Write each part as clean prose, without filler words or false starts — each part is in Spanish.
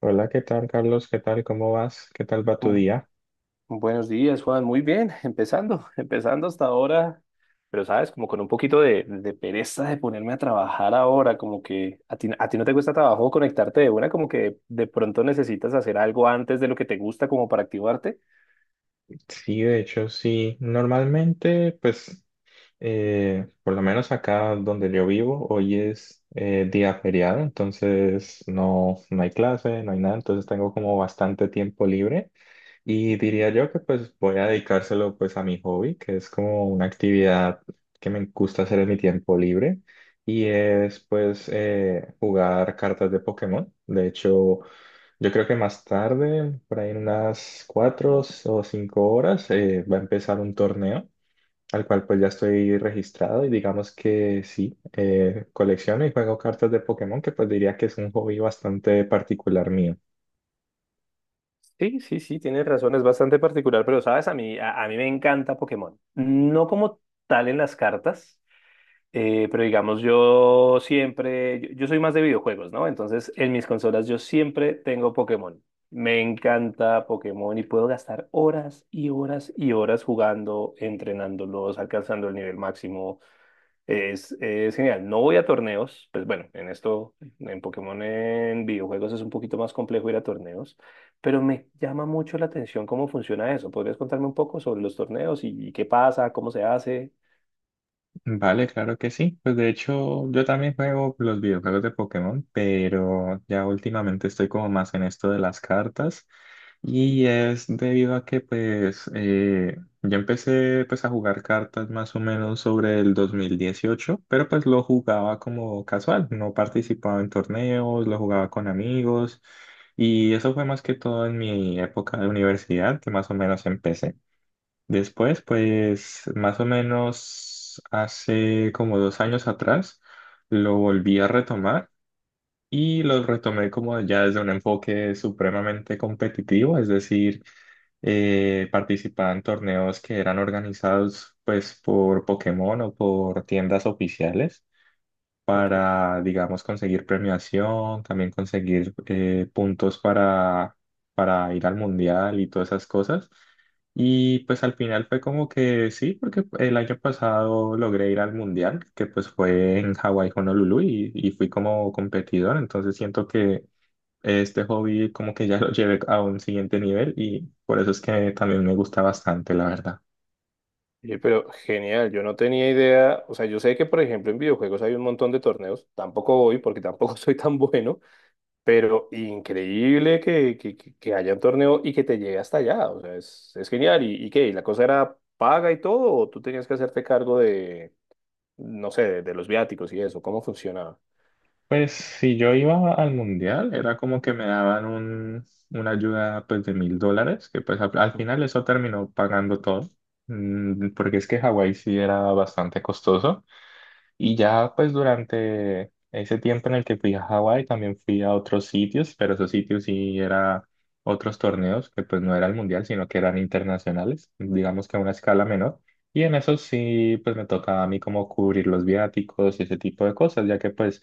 Hola, ¿qué tal, Carlos? ¿Qué tal? ¿Cómo vas? ¿Qué tal va tu Bu- día? Buenos días, Juan. Muy bien, empezando, empezando hasta ahora, pero sabes, como con un poquito de pereza de ponerme a trabajar ahora, como que a ti, a ti, no te cuesta trabajo conectarte de una, como que de pronto necesitas hacer algo antes de lo que te gusta como para activarte. Sí, de hecho, sí. Normalmente, pues, por lo menos acá donde yo vivo, hoy es día feriado, entonces no, no hay clase, no hay nada, entonces tengo como bastante tiempo libre y diría yo que pues voy a dedicárselo pues a mi hobby, que es como una actividad que me gusta hacer en mi tiempo libre y es pues jugar cartas de Pokémon. De hecho. Yo creo que más tarde, por ahí en unas 4 o 5 horas, va a empezar un torneo al cual pues ya estoy registrado y digamos que sí, colecciono y juego cartas de Pokémon, que pues diría que es un hobby bastante particular mío. Sí, sí, sí, tienes razón, es bastante particular, pero sabes, a mí, a mí me encanta Pokémon. No como tal en las cartas. Pero digamos, yo siempre, yo soy más de videojuegos, ¿no? Entonces, en mis consolas yo siempre tengo Pokémon. Me encanta Pokémon y puedo gastar horas y horas y horas jugando, entrenándolos, alcanzando el nivel máximo. Es genial. No voy a torneos, pues bueno, en esto, en Pokémon, en videojuegos es un poquito más complejo ir a torneos, pero me llama mucho la atención cómo funciona eso. ¿Podrías contarme un poco sobre los torneos y qué pasa, cómo se hace? Vale, claro que sí. Pues de hecho, yo también juego los videojuegos de Pokémon, pero ya últimamente estoy como más en esto de las cartas. Y es debido a que pues yo empecé pues a jugar cartas más o menos sobre el 2018, pero pues lo jugaba como casual, no participaba en torneos, lo jugaba con amigos. Y eso fue más que todo en mi época de universidad, que más o menos empecé. Después, pues más o menos hace como 2 años atrás, lo volví a retomar y lo retomé como ya desde un enfoque supremamente competitivo, es decir, participaba en torneos que eran organizados pues por Pokémon o por tiendas oficiales Ok. para, digamos, conseguir premiación, también conseguir puntos para ir al mundial y todas esas cosas. Y pues al final fue como que sí, porque el año pasado logré ir al mundial, que pues fue en Hawái, Honolulu, y fui como competidor, entonces siento que este hobby como que ya lo llevé a un siguiente nivel y por eso es que también me gusta bastante, la verdad. Oye, pero genial, yo no tenía idea, o sea, yo sé que por ejemplo en videojuegos hay un montón de torneos, tampoco voy porque tampoco soy tan bueno, pero increíble que haya un torneo y que te llegue hasta allá, o sea, es genial. Y qué? ¿Y la cosa era paga y todo o tú tenías que hacerte cargo de, no sé, de los viáticos y eso? ¿Cómo funcionaba? Pues si yo iba al mundial, era como que me daban una ayuda pues de $1.000, que pues al final eso terminó pagando todo, porque es que Hawái sí era bastante costoso. Y ya pues durante ese tiempo en el que fui a Hawái también fui a otros sitios, pero esos sitios sí era otros torneos que pues no era el mundial, sino que eran internacionales, digamos que a una escala menor. Y en eso sí pues me tocaba a mí como cubrir los viáticos y ese tipo de cosas, ya que pues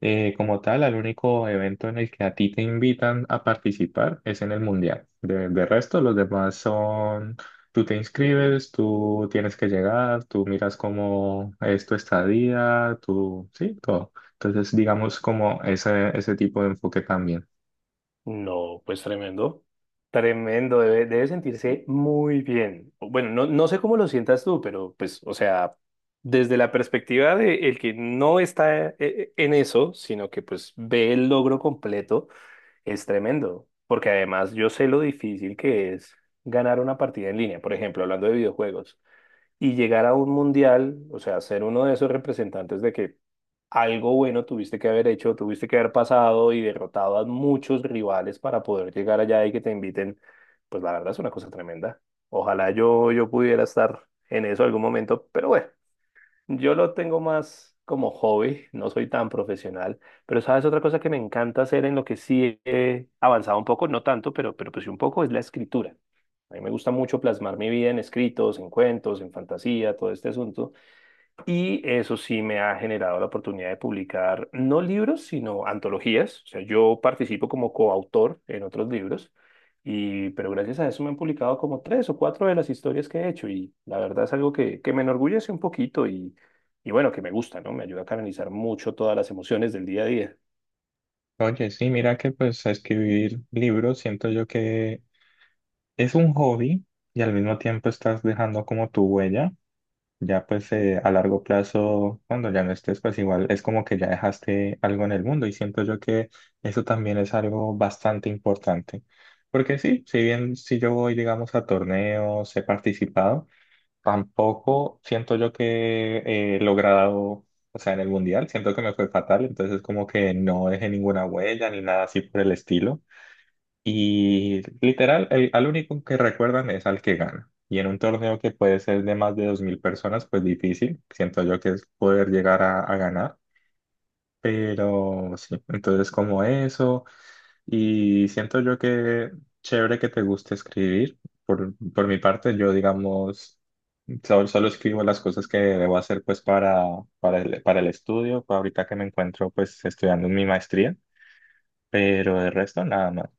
como tal el único evento en el que a ti te invitan a participar es en el mundial. De resto los demás son. Tú te inscribes, tú tienes que llegar, tú miras cómo es tu estadía, tú, sí, todo. Entonces, digamos como ese tipo de enfoque también. No, pues tremendo. Tremendo, debe sentirse muy bien. Bueno, no, no sé cómo lo sientas tú, pero pues, o sea, desde la perspectiva de el que no está en eso, sino que pues ve el logro completo, es tremendo. Porque además yo sé lo difícil que es ganar una partida en línea, por ejemplo, hablando de videojuegos y llegar a un mundial, o sea, ser uno de esos representantes de que algo bueno tuviste que haber hecho, tuviste que haber pasado y derrotado a muchos rivales para poder llegar allá y que te inviten, pues la verdad es una cosa tremenda. Ojalá yo pudiera estar en eso algún momento, pero bueno, yo lo tengo más como hobby, no soy tan profesional, pero sabes otra cosa que me encanta hacer en lo que sí he avanzado un poco, no tanto, pero pues sí un poco, es la escritura. A mí me gusta mucho plasmar mi vida en escritos, en cuentos, en fantasía, todo este asunto. Y eso sí me ha generado la oportunidad de publicar no libros, sino antologías. O sea, yo participo como coautor en otros libros, y, pero gracias a eso me han publicado como tres o cuatro de las historias que he hecho. Y la verdad es algo que me enorgullece un poquito y bueno, que me gusta, ¿no? Me ayuda a canalizar mucho todas las emociones del día a día. Oye, sí, mira que pues escribir libros siento yo que es un hobby y al mismo tiempo estás dejando como tu huella. Ya pues a largo plazo, cuando ya no estés, pues igual es como que ya dejaste algo en el mundo y siento yo que eso también es algo bastante importante. Porque sí, si bien si yo voy, digamos, a torneos, he participado, tampoco siento yo que he logrado, o sea, en el mundial, siento que me fue fatal, entonces como que no dejé ninguna huella ni nada así por el estilo. Y literal, al único que recuerdan es al que gana. Y en un torneo que puede ser de más de 2.000 personas, pues difícil, siento yo que es poder llegar a ganar. Pero sí, entonces como eso, y siento yo que chévere que te guste escribir. Por mi parte, yo digamos, solo escribo las cosas que debo hacer pues para, para el estudio, ahorita que me encuentro pues estudiando mi maestría, pero el resto nada más.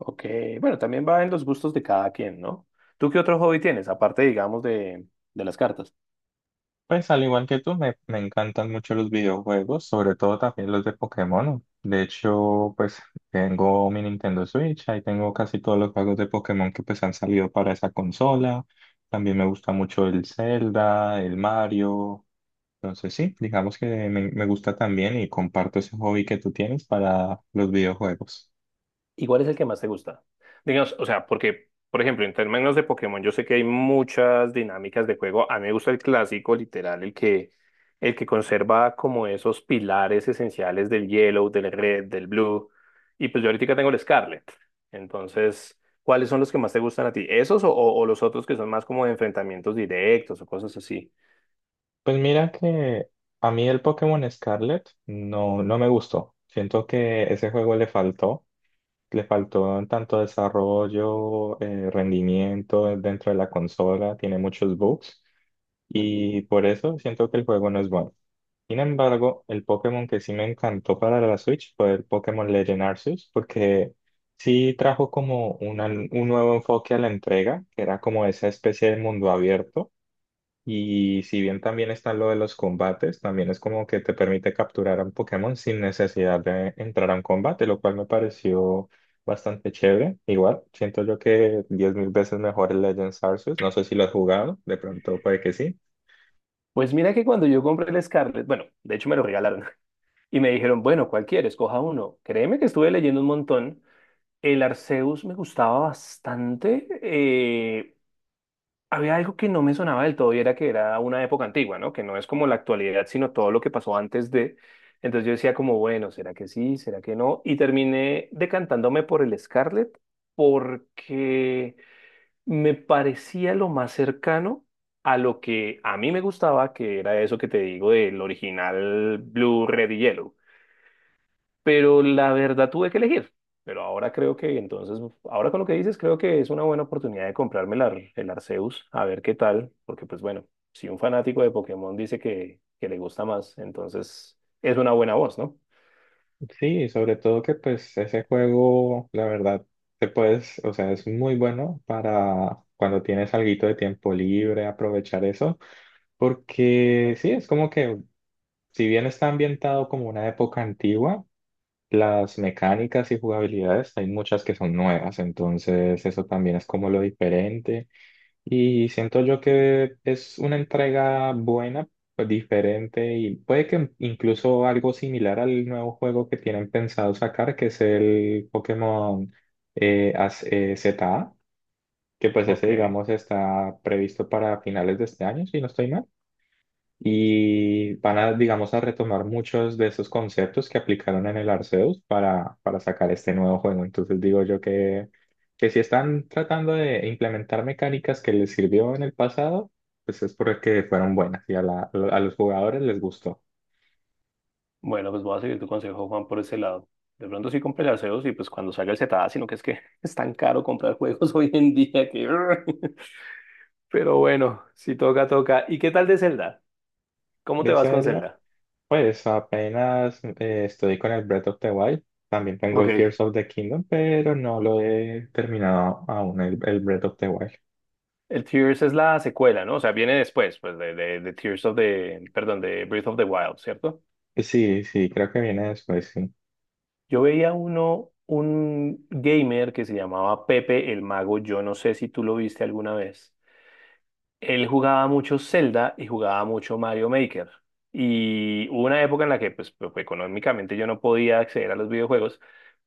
Ok, bueno, también va en los gustos de cada quien, ¿no? ¿Tú qué otro hobby tienes, aparte, digamos, de las cartas? Pues al igual que tú, me encantan mucho los videojuegos, sobre todo también los de Pokémon. De hecho, pues tengo mi Nintendo Switch, ahí tengo casi todos los juegos de Pokémon que pues han salido para esa consola. También me gusta mucho el Zelda, el Mario. Entonces sí, digamos que me gusta también y comparto ese hobby que tú tienes para los videojuegos. ¿Y cuál es el que más te gusta? Digamos, o sea, porque, por ejemplo, en términos de Pokémon, yo sé que hay muchas dinámicas de juego. A mí me gusta el clásico, literal, el que conserva como esos pilares esenciales del Yellow, del Red, del Blue. Y pues yo ahorita tengo el Scarlet. Entonces, ¿cuáles son los que más te gustan a ti? ¿Esos o, o los otros que son más como de enfrentamientos directos o cosas así? Pues mira que a mí el Pokémon Scarlet no, no me gustó. Siento que ese juego le faltó. Le faltó tanto desarrollo, rendimiento dentro de la consola, tiene muchos bugs Ujú. y por eso siento que el juego no es bueno. Sin embargo, el Pokémon que sí me encantó para la Switch fue el Pokémon Legend Arceus, porque sí trajo como un nuevo enfoque a la entrega, que era como esa especie de mundo abierto y si bien también está lo de los combates, también es como que te permite capturar a un Pokémon sin necesidad de entrar a un combate, lo cual me pareció bastante chévere. Igual, siento yo que 10.000 veces mejor el Legends Arceus. No sé si lo has jugado, de pronto puede que sí. Pues mira que cuando yo compré el Scarlet, bueno, de hecho me lo regalaron y me dijeron, bueno, ¿cuál quieres? Coja uno. Créeme que estuve leyendo un montón. El Arceus me gustaba bastante. Había algo que no me sonaba del todo y era que era una época antigua, ¿no? Que no es como la actualidad, sino todo lo que pasó antes de. Entonces yo decía como, bueno, ¿será que sí? ¿Será que no? Y terminé decantándome por el Scarlet porque me parecía lo más cercano a lo que a mí me gustaba, que era eso que te digo del original Blue, Red y Yellow, pero la verdad tuve que elegir. Pero ahora creo que, entonces, ahora con lo que dices, creo que es una buena oportunidad de comprarme el, el Arceus, a ver qué tal, porque pues bueno, si un fanático de Pokémon dice que le gusta más, entonces es una buena voz, ¿no? Sí, y sobre todo que pues ese juego, la verdad, te puedes, o sea, es muy bueno para cuando tienes alguito de tiempo libre, aprovechar eso, porque sí, es como que si bien está ambientado como una época antigua. Las mecánicas y jugabilidades, hay muchas que son nuevas, entonces eso también es como lo diferente. Y siento yo que es una entrega buena, pues, diferente y puede que incluso algo similar al nuevo juego que tienen pensado sacar, que es el Pokémon ZA, que pues ese Ok, digamos está previsto para finales de este año, si no estoy mal y van a, digamos, a retomar muchos de esos conceptos que aplicaron en el Arceus para sacar este nuevo juego. Entonces digo yo que si están tratando de implementar mecánicas que les sirvió en el pasado, pues es porque fueron buenas y a los jugadores les gustó. bueno, pues voy a seguir tu consejo, Juan, por ese lado. De pronto sí compré el Arceus y pues cuando salga el Cetada, sino que es que es tan caro comprar juegos hoy en día que… Pero bueno, si toca, toca. ¿Y qué tal de Zelda? ¿Cómo te De vas con Zelda, Zelda? pues apenas estoy con el Breath of the Wild. También tengo el Ok. Tears of the Kingdom, pero no lo he terminado aún, el Breath of the Wild. El Tears es la secuela, ¿no? O sea, viene después, pues, de Tears of the, perdón, de Breath of the Wild, ¿cierto? Sí, sí, creo que viene después, sí. Yo veía uno, un gamer que se llamaba Pepe el Mago, yo no sé si tú lo viste alguna vez. Él jugaba mucho Zelda y jugaba mucho Mario Maker. Y hubo una época en la que, pues, pues, económicamente yo no podía acceder a los videojuegos,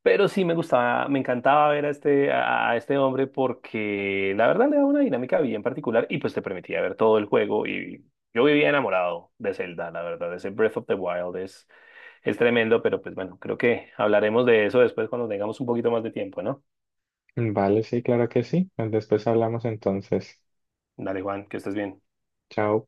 pero sí me gustaba, me encantaba ver a este, a este hombre porque la verdad le daba una dinámica bien particular y pues te permitía ver todo el juego. Y yo vivía enamorado de Zelda, la verdad. Ese Breath of the Wild es tremendo, pero pues bueno, creo que hablaremos de eso después cuando tengamos un poquito más de tiempo, ¿no? Vale, sí, claro que sí. Después hablamos entonces. Dale, Juan, que estés bien. Chao.